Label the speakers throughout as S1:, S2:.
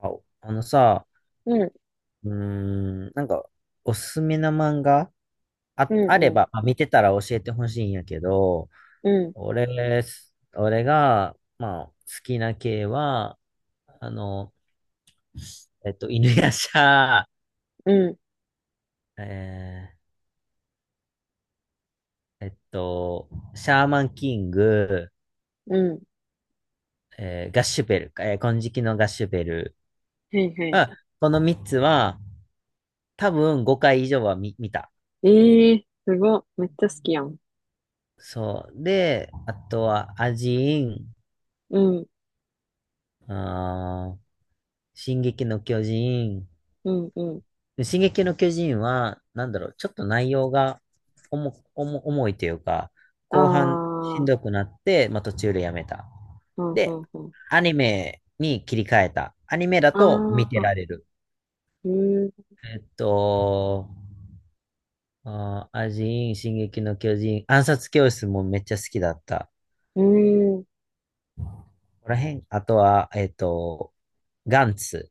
S1: あ、あのさ、
S2: うん、
S1: うーん、なんか、おすすめな漫画
S2: うん、
S1: あれ
S2: うん、
S1: ば、まあ、見てたら教えてほしいんやけど、
S2: うん、
S1: 俺、俺が、まあ、好きな系は、あの、犬夜叉、
S2: うん、
S1: えーえっと、シャーマンキング、
S2: うん。
S1: ガッシュベルか、金色のガッシュベル。
S2: はいはい。
S1: あ、この3つは、多分5回以上は見た。
S2: ええー、すごっ。めっちゃ好きやん。
S1: そう。で、あとは、アジーン、
S2: うん、
S1: あー、進撃の巨人。
S2: うん、うん。
S1: 進撃の巨人は、なんだろう、ちょっと内容が重いというか、
S2: あ
S1: 後半しん
S2: あ、
S1: どくなって、まあ、途中でやめた。
S2: うん、う
S1: で、
S2: ん、うん。
S1: アニメに切り替えた。アニメだと見
S2: あ
S1: てら
S2: あ、
S1: れる。
S2: うん、
S1: えっと、あー、アジン、進撃の巨人、暗殺教室もめっちゃ好きだった。
S2: うん。
S1: ここら辺、あとは、ガンツ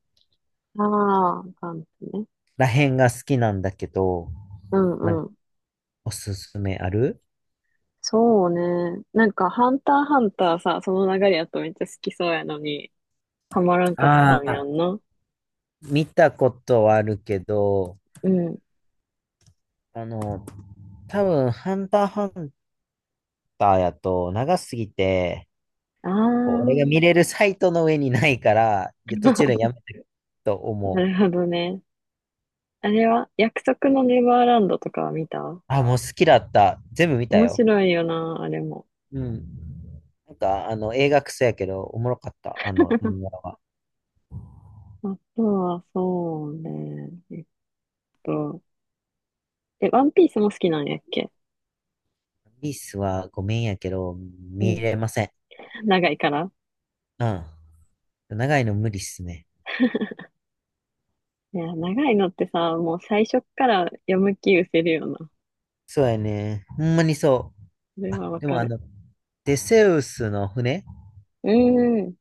S2: ああ、感じね。
S1: ら辺が好きなんだけど、
S2: う
S1: なん
S2: ん、
S1: か
S2: うん。
S1: おすすめある？
S2: そうね。なんか、ハンターハンターさ、その流れやとめっちゃ好きそうやのに、ハマらんかった
S1: あ
S2: んや
S1: あ、
S2: んな。
S1: 見たことはあるけど、
S2: うん。
S1: あの、多分、ハンターハンターやと長すぎて、
S2: あ
S1: こう、俺が見
S2: あ、
S1: れるサイトの上にないから、いや途中でやめてると
S2: な
S1: 思
S2: る
S1: う。
S2: ほどね。あれは、約束のネバーランドとかは見た？
S1: あ、もう好きだった。全部見た
S2: 面
S1: よ。
S2: 白いよな、あれも。
S1: うん。なんか、映画クソやけど、おもろかった。あの、漫画は。
S2: あとは、そうね。と、ワンピースも好きなんやっけ？
S1: ワースはごめんやけど、
S2: う
S1: 見
S2: ん。
S1: れません。
S2: 長いから。
S1: うん。長いの無理っすね。
S2: いや、長いのってさ、もう最初っから読む気失せるよな。
S1: そうやね。ほんまにそ
S2: それ
S1: う。あ、
S2: はわ
S1: でも
S2: か
S1: あ
S2: る。
S1: の、テセウスの船
S2: うーん。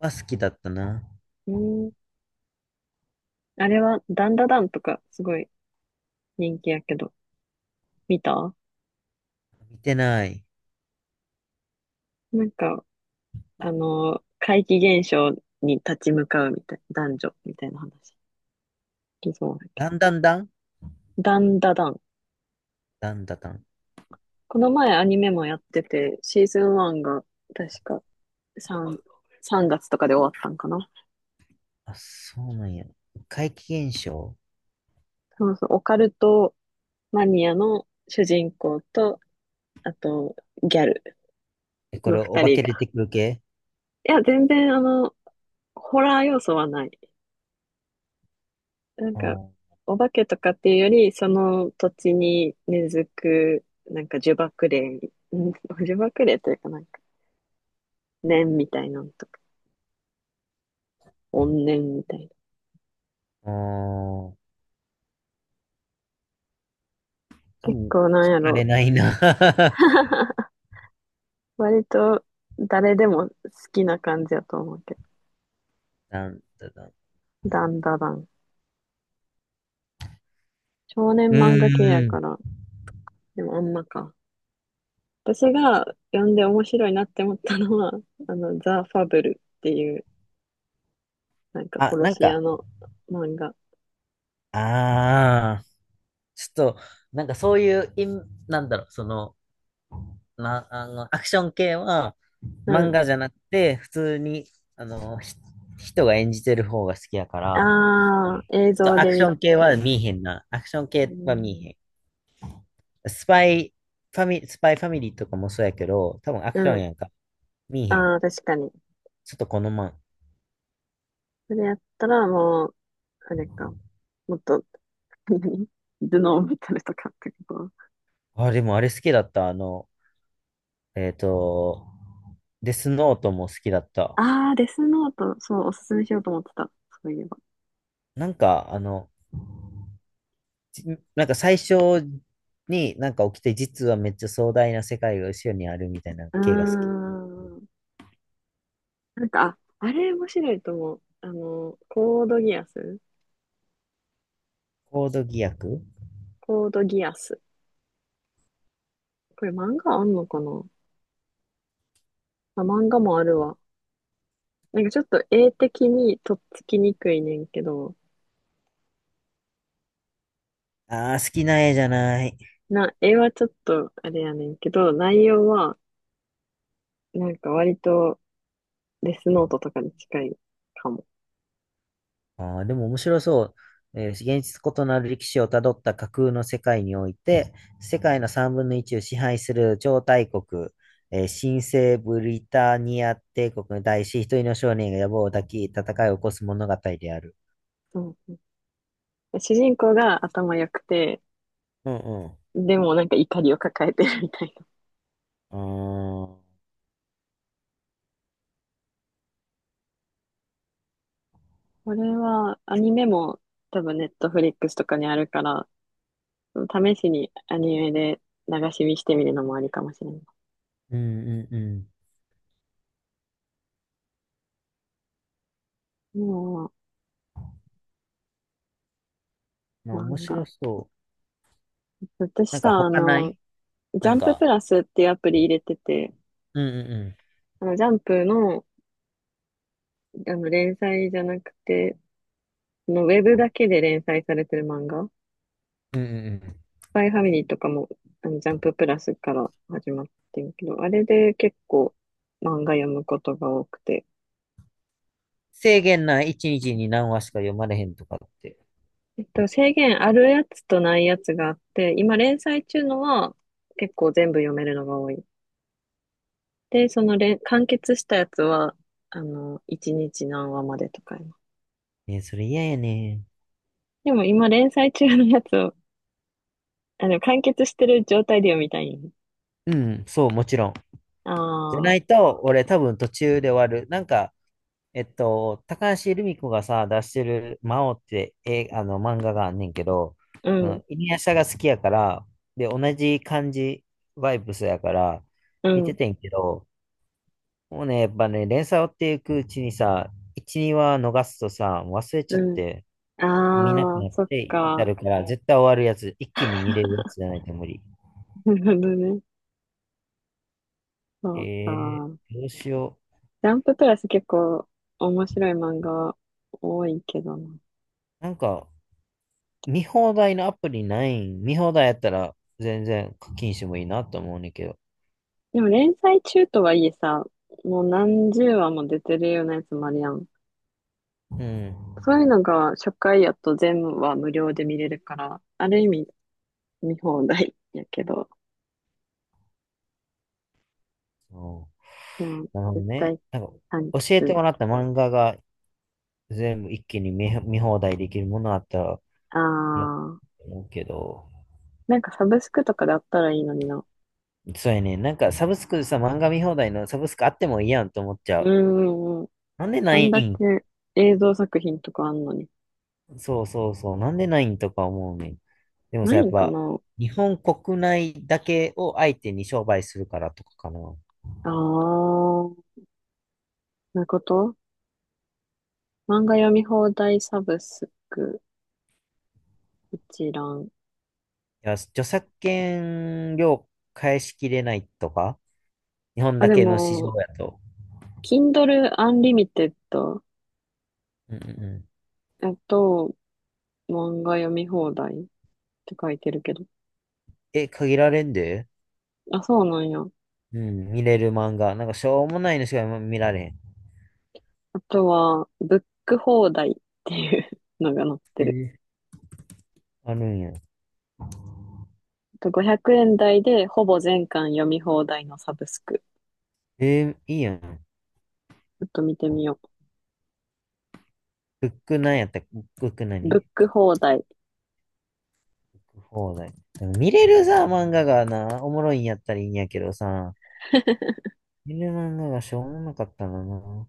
S1: は好きだったな。
S2: うん。あれは、ダンダダンとか、すごい人気やけど、見た？
S1: 見てない。
S2: なんか、あの、怪奇現象に立ち向かうみたいな、男女みたいな話。聞きそうだけ
S1: だんだんだん
S2: ど。ダンダダン。
S1: だんだだん。
S2: この前アニメもやってて、シーズン1が、確か3、3月とかで終わったんかな。
S1: あ、そうなんや。怪奇現象。
S2: そうそう、オカルトマニアの主人公と、あと、ギャル
S1: え、こ
S2: の
S1: れ、お
S2: 二
S1: 化
S2: 人
S1: け出
S2: が。
S1: てくる系？
S2: いや、全然、あの、ホラー要素はない。なん
S1: あ
S2: か、
S1: ー
S2: お化けとかっていうより、その土地に根付く、なんか呪縛霊、うん呪縛霊というかなんか、念みたいなのとか、怨念みたいな。
S1: あー、多
S2: 結
S1: 分、
S2: 構な
S1: 聞
S2: んや
S1: かれ
S2: ろ、
S1: ないな。
S2: 割と誰でも好きな感じやと思うけど。
S1: なんだだん。
S2: ダンダダン。少年
S1: う
S2: 漫画系や
S1: ー
S2: か
S1: ん。
S2: ら、でもあんまか。私が読んで面白いなって思ったのは、あの、ザ・ファブルっていう、なんか
S1: あ、
S2: 殺
S1: なん
S2: し屋
S1: か、
S2: の漫画。
S1: ああ、ちょっと、なんかそういう、なんだろう、その、な、あの、アクション系は、
S2: う
S1: 漫
S2: ん。
S1: 画じゃなくて、普通に、あの、ひ人が演じてる方が好きやから、
S2: ああ、映
S1: ちょっ
S2: 像
S1: とア
S2: で
S1: クシ
S2: 見
S1: ョン系
S2: た
S1: は
S2: い。
S1: 見えへんな。アクション
S2: う
S1: 系は見
S2: ん。
S1: えへん。スパイファミリーとかもそうやけど、多分ア
S2: う
S1: クション
S2: ん。
S1: やんか。見えへん。
S2: ああ、確かに。
S1: ちょっとこのまん。
S2: それやったらもう、あれか。もっと、何頭脳メタルとかってこと？
S1: あ、でもあれ好きだった。えっと、デスノートも好きだった。
S2: ああー、デスノート、そう、おすすめしようと思ってた。そういえば。
S1: なんか、じなんか最初になんか起きて、実はめっちゃ壮大な世界が後ろにあるみたいな
S2: うー
S1: 系が好き。
S2: ん。なんか、ああれ面白いと思う。あの、コードギアス。
S1: コードギアク
S2: コードギアス。これ漫画あんのかな？あ、漫画もあるわ。なんかちょっと絵的にとっつきにくいねんけど、
S1: ああー、好きな絵じゃない。
S2: な、絵はちょっとあれやねんけど、内容はなんか割とデスノートとかに近いかも。
S1: ああ、でも面白そう。現実異なる歴史をたどった架空の世界において、世界の3分の1を支配する超大国、新生ブリタニア帝国に対し、一人の少年が野望を抱き、戦いを起こす物語である。
S2: そう、主人公が頭良くて、
S1: うんうん。
S2: でもなんか怒りを抱えてるみたいな。
S1: ああ、
S2: これはアニメも多分ネットフリックスとかにあるから、試しにアニメで流し見してみるのもありかもしれない。
S1: うんうんうん。
S2: も
S1: ま
S2: う
S1: あ、面
S2: 漫画。
S1: 白そう。
S2: 私
S1: なん
S2: さ、
S1: か
S2: あ
S1: 他な
S2: の、
S1: い？
S2: ジ
S1: な
S2: ャ
S1: ん
S2: ンプ
S1: か、
S2: プラスっていうアプリ入れてて、
S1: うんうんう
S2: あの、ジャンプの、あの連載じゃなくて、そのウェブだけで連載されてる漫画、
S1: ん。うんうんうん。
S2: パイファミリーとかも、あの、ジャンププラスから始まってるけど、あれで結構漫画読むことが多くて。
S1: 制限ない？1日にちに何話しか読まれへんとかって？
S2: 制限あるやつとないやつがあって、今連載中のは結構全部読めるのが多い。で、その連、完結したやつは、あの、1日何話までとかやな。
S1: ね、それ嫌やね。
S2: でも今連載中のやつを、あの、完結してる状態で読みたいんよね。
S1: うん、そう、もちろん。じゃな
S2: ああ、
S1: いと、俺多分途中で終わる。なんか、高橋留美子がさ、出してる魔王って、え、あの、漫画があんねんけど、
S2: う
S1: う
S2: ん、
S1: ん、イニアシャが好きやから、で、同じ感じ、バイブスやから、
S2: う
S1: 見て
S2: ん、
S1: てんけど、もうね、やっぱね、連載追っていくうちにさ、1、2話逃すとさ、忘れちゃ
S2: う
S1: っ
S2: ん。
S1: て、見なく
S2: ああ、
S1: なっ
S2: そっ
S1: て至
S2: か。
S1: るから、絶対終わるやつ、一気に見 れるやつじゃないと無理。
S2: なるほどね。そう
S1: え
S2: か。
S1: どうしよ
S2: ジャンププラス結構面白い漫画多いけどな。
S1: う。なんか、見放題のアプリないん？見放題やったら全然課金してもいいなと思うねんけど。
S2: でも連載中とはいえさ、もう何十話も出てるようなやつもあるやん。
S1: うん。
S2: そういうのが初回やと全話無料で見れるから、ある意味見放題やけど、
S1: そ
S2: でも
S1: う、なるほど
S2: 絶
S1: ね。
S2: 対
S1: なんか、
S2: 完
S1: 教えて
S2: 結。
S1: もらった漫画が全部一気に見放題できるものあったら、
S2: あ
S1: いいなと
S2: ー、
S1: 思うけど。
S2: なんかサブスクとかであったらいいのにな。
S1: そうやね。なんかサブスクでさ、漫画見放題のサブスクあってもいいやんと思っちゃ
S2: う
S1: う。
S2: んうんうん。
S1: なんでな
S2: あ
S1: い
S2: んだけ
S1: ん？
S2: 映像作品とかあんのに。
S1: そうそうそう。なんでないんとか思うねん。でも
S2: な
S1: さ、や
S2: い
S1: っ
S2: んか
S1: ぱ、
S2: な？
S1: 日本国内だけを相手に商売するからとかかな。
S2: あー、そういうこと？漫画読み放題サブスク一覧。
S1: いや、著作権料返しきれないとか、日本
S2: あ、
S1: だ
S2: で
S1: けの市場
S2: も、
S1: やと。
S2: Kindle Unlimited、
S1: うんうんうん。
S2: えっと、漫画読み放題って書いてるけど。
S1: え、限られんで？
S2: あ、そうなんや。
S1: うん、見れる漫画。なんかしょうもないのしか今見られへん。
S2: あとは、ブック放題っていうのが載って
S1: え
S2: る。
S1: ーあるんや。
S2: あと500円台でほぼ全巻読み放題のサブスク。
S1: いいやん。
S2: ちょっと見てみよ
S1: ブックなんやったっけ？ブック
S2: う。ブ
S1: 何
S2: ック放題。
S1: 放題。なん見れるさ、漫画がな、おもろいんやったらいいんやけどさ、見れる漫画がしょうもなかったのな。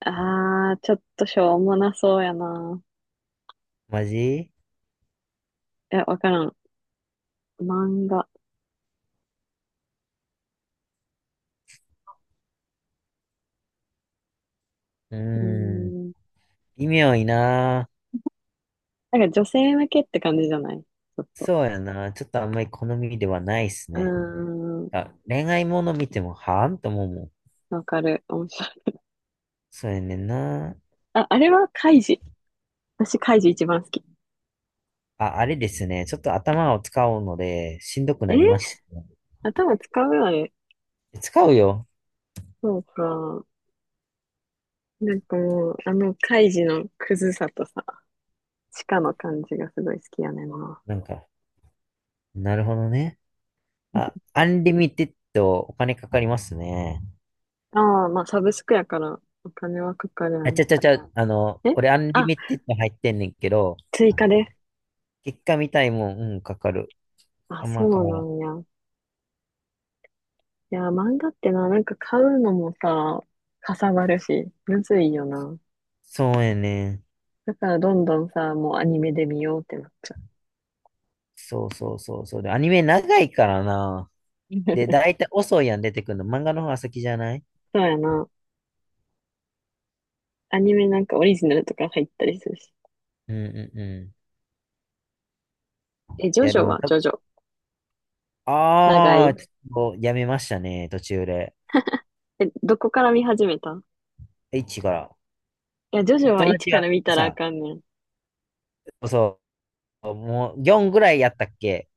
S2: あー、ちょっとしょうもなそうやな。
S1: マジ？
S2: いや、わからん。漫画。
S1: う
S2: うー
S1: ーん。
S2: ん、
S1: 微妙いな。
S2: なんか女性向けって感じじゃないちょっと。
S1: そうやな。ちょっとあんまり好みではないっす
S2: う
S1: ね。
S2: ーん。
S1: あ、恋愛もの見ても、はーんと思うもん。
S2: わかる。面白い。
S1: そうやねんな。
S2: あ、あれはカイジ。私カイジ一番好き。
S1: あ、あれですね。ちょっと頭を使うので、しんどく
S2: え
S1: なりま
S2: ー
S1: したね。
S2: 頭使うよね。
S1: 使うよ。
S2: そうか。なんかもう、あのカイジのクズさとさ、地下の感じがすごい好きやねんな。
S1: なんか、なるほどね。あ、アンリミテッドお金かかりますね。
S2: ああ、まあサブスクやからお金はかかるや
S1: あ、ち
S2: ろ。
S1: ゃちゃちゃ、あの、
S2: え、
S1: 俺アンリ
S2: あ、
S1: ミテッド入ってんねんけど、
S2: 追加で。
S1: 結果見たいもん、うん、かかる。
S2: あ、
S1: あん
S2: そ
S1: ま変
S2: う
S1: わら
S2: な
S1: ん。
S2: んや。いや、漫画ってな、なんか買うのもさ、かさばるし、むずいよな。
S1: そうやね。
S2: だからどんどんさ、もうアニメで見ようってなっちゃう。
S1: そうそうそうそう。で、アニメ長いからな。で、だいたい遅いやん出てくるの。漫画の方が先じゃない？
S2: そうやな。アニメなんかオリジナルとか入ったりするし。
S1: うんうんうん。
S2: え、ジ
S1: い
S2: ョ
S1: や、
S2: ジ
S1: で
S2: ョ
S1: も
S2: はジョジョ。長
S1: ああ、
S2: い。
S1: ちょっとやめましたね、途中で。
S2: え、どこから見始めた？
S1: 一から。
S2: いや、ジョジョ
S1: 友
S2: は1
S1: 達
S2: か
S1: が
S2: ら見たらあ
S1: さ、
S2: かんねん。
S1: そうう、もう4ぐらいやったっけ？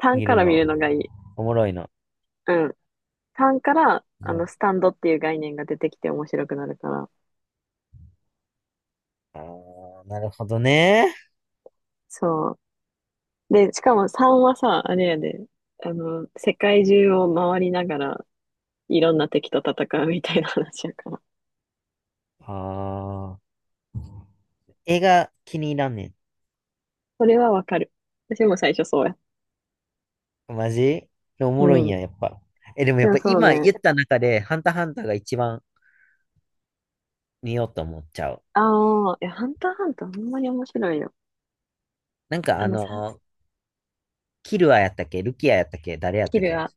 S2: 3
S1: 見
S2: か
S1: る
S2: ら見
S1: の？
S2: るのがいい。
S1: おもろいの？
S2: うん。3から、あ
S1: う
S2: の、
S1: ん、
S2: スタンドっていう概念が出てきて面白くなるから。
S1: ああ、なるほどね。
S2: そう。で、しかも3はさ、あれやで、あの、世界中を回りながら、いろんな敵と戦うみたいな話やから。
S1: ああ、映画気に入らんね
S2: それはわかる。私も最初そうや。
S1: ん。マジお
S2: う
S1: もろいん
S2: ん。
S1: や、やっぱ。え、でもや
S2: で
S1: っ
S2: も
S1: ぱ
S2: そう
S1: 今
S2: ね。
S1: 言った中で、ハンターハンターが一番見ようと思っちゃう。
S2: ああ、いや、ハンターハンターほんまに面白いよ。
S1: なんか
S2: あのさ、
S1: キルアやったっけ？ルキアやったっけ？誰やっ
S2: キ
S1: たっ
S2: ル
S1: け？
S2: が。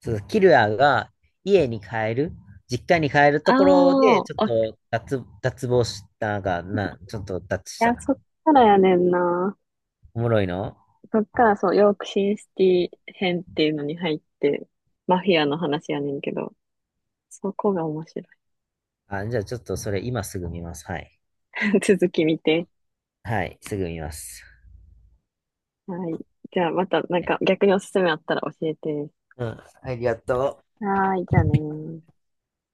S1: そのキルアが家に帰る、実家に帰る
S2: あ
S1: ところ
S2: あ、
S1: で、ちょっ
S2: おい、
S1: と脱帽したが、な、ちょっと脱した。
S2: や、そっからやねんな。
S1: おもろいの？
S2: そっからそう、ヨークシンシティ編っていうのに入って、マフィアの話やねんけど、そこが面白
S1: あ、じゃあちょっとそれ今すぐ見ます。はい。
S2: い。続き見て。
S1: はい、すぐ見ます。
S2: はい。じゃあまたなん
S1: はい、
S2: か逆におすすめあったら教えて。
S1: うん、ありがとう。
S2: はーい、じゃあねー。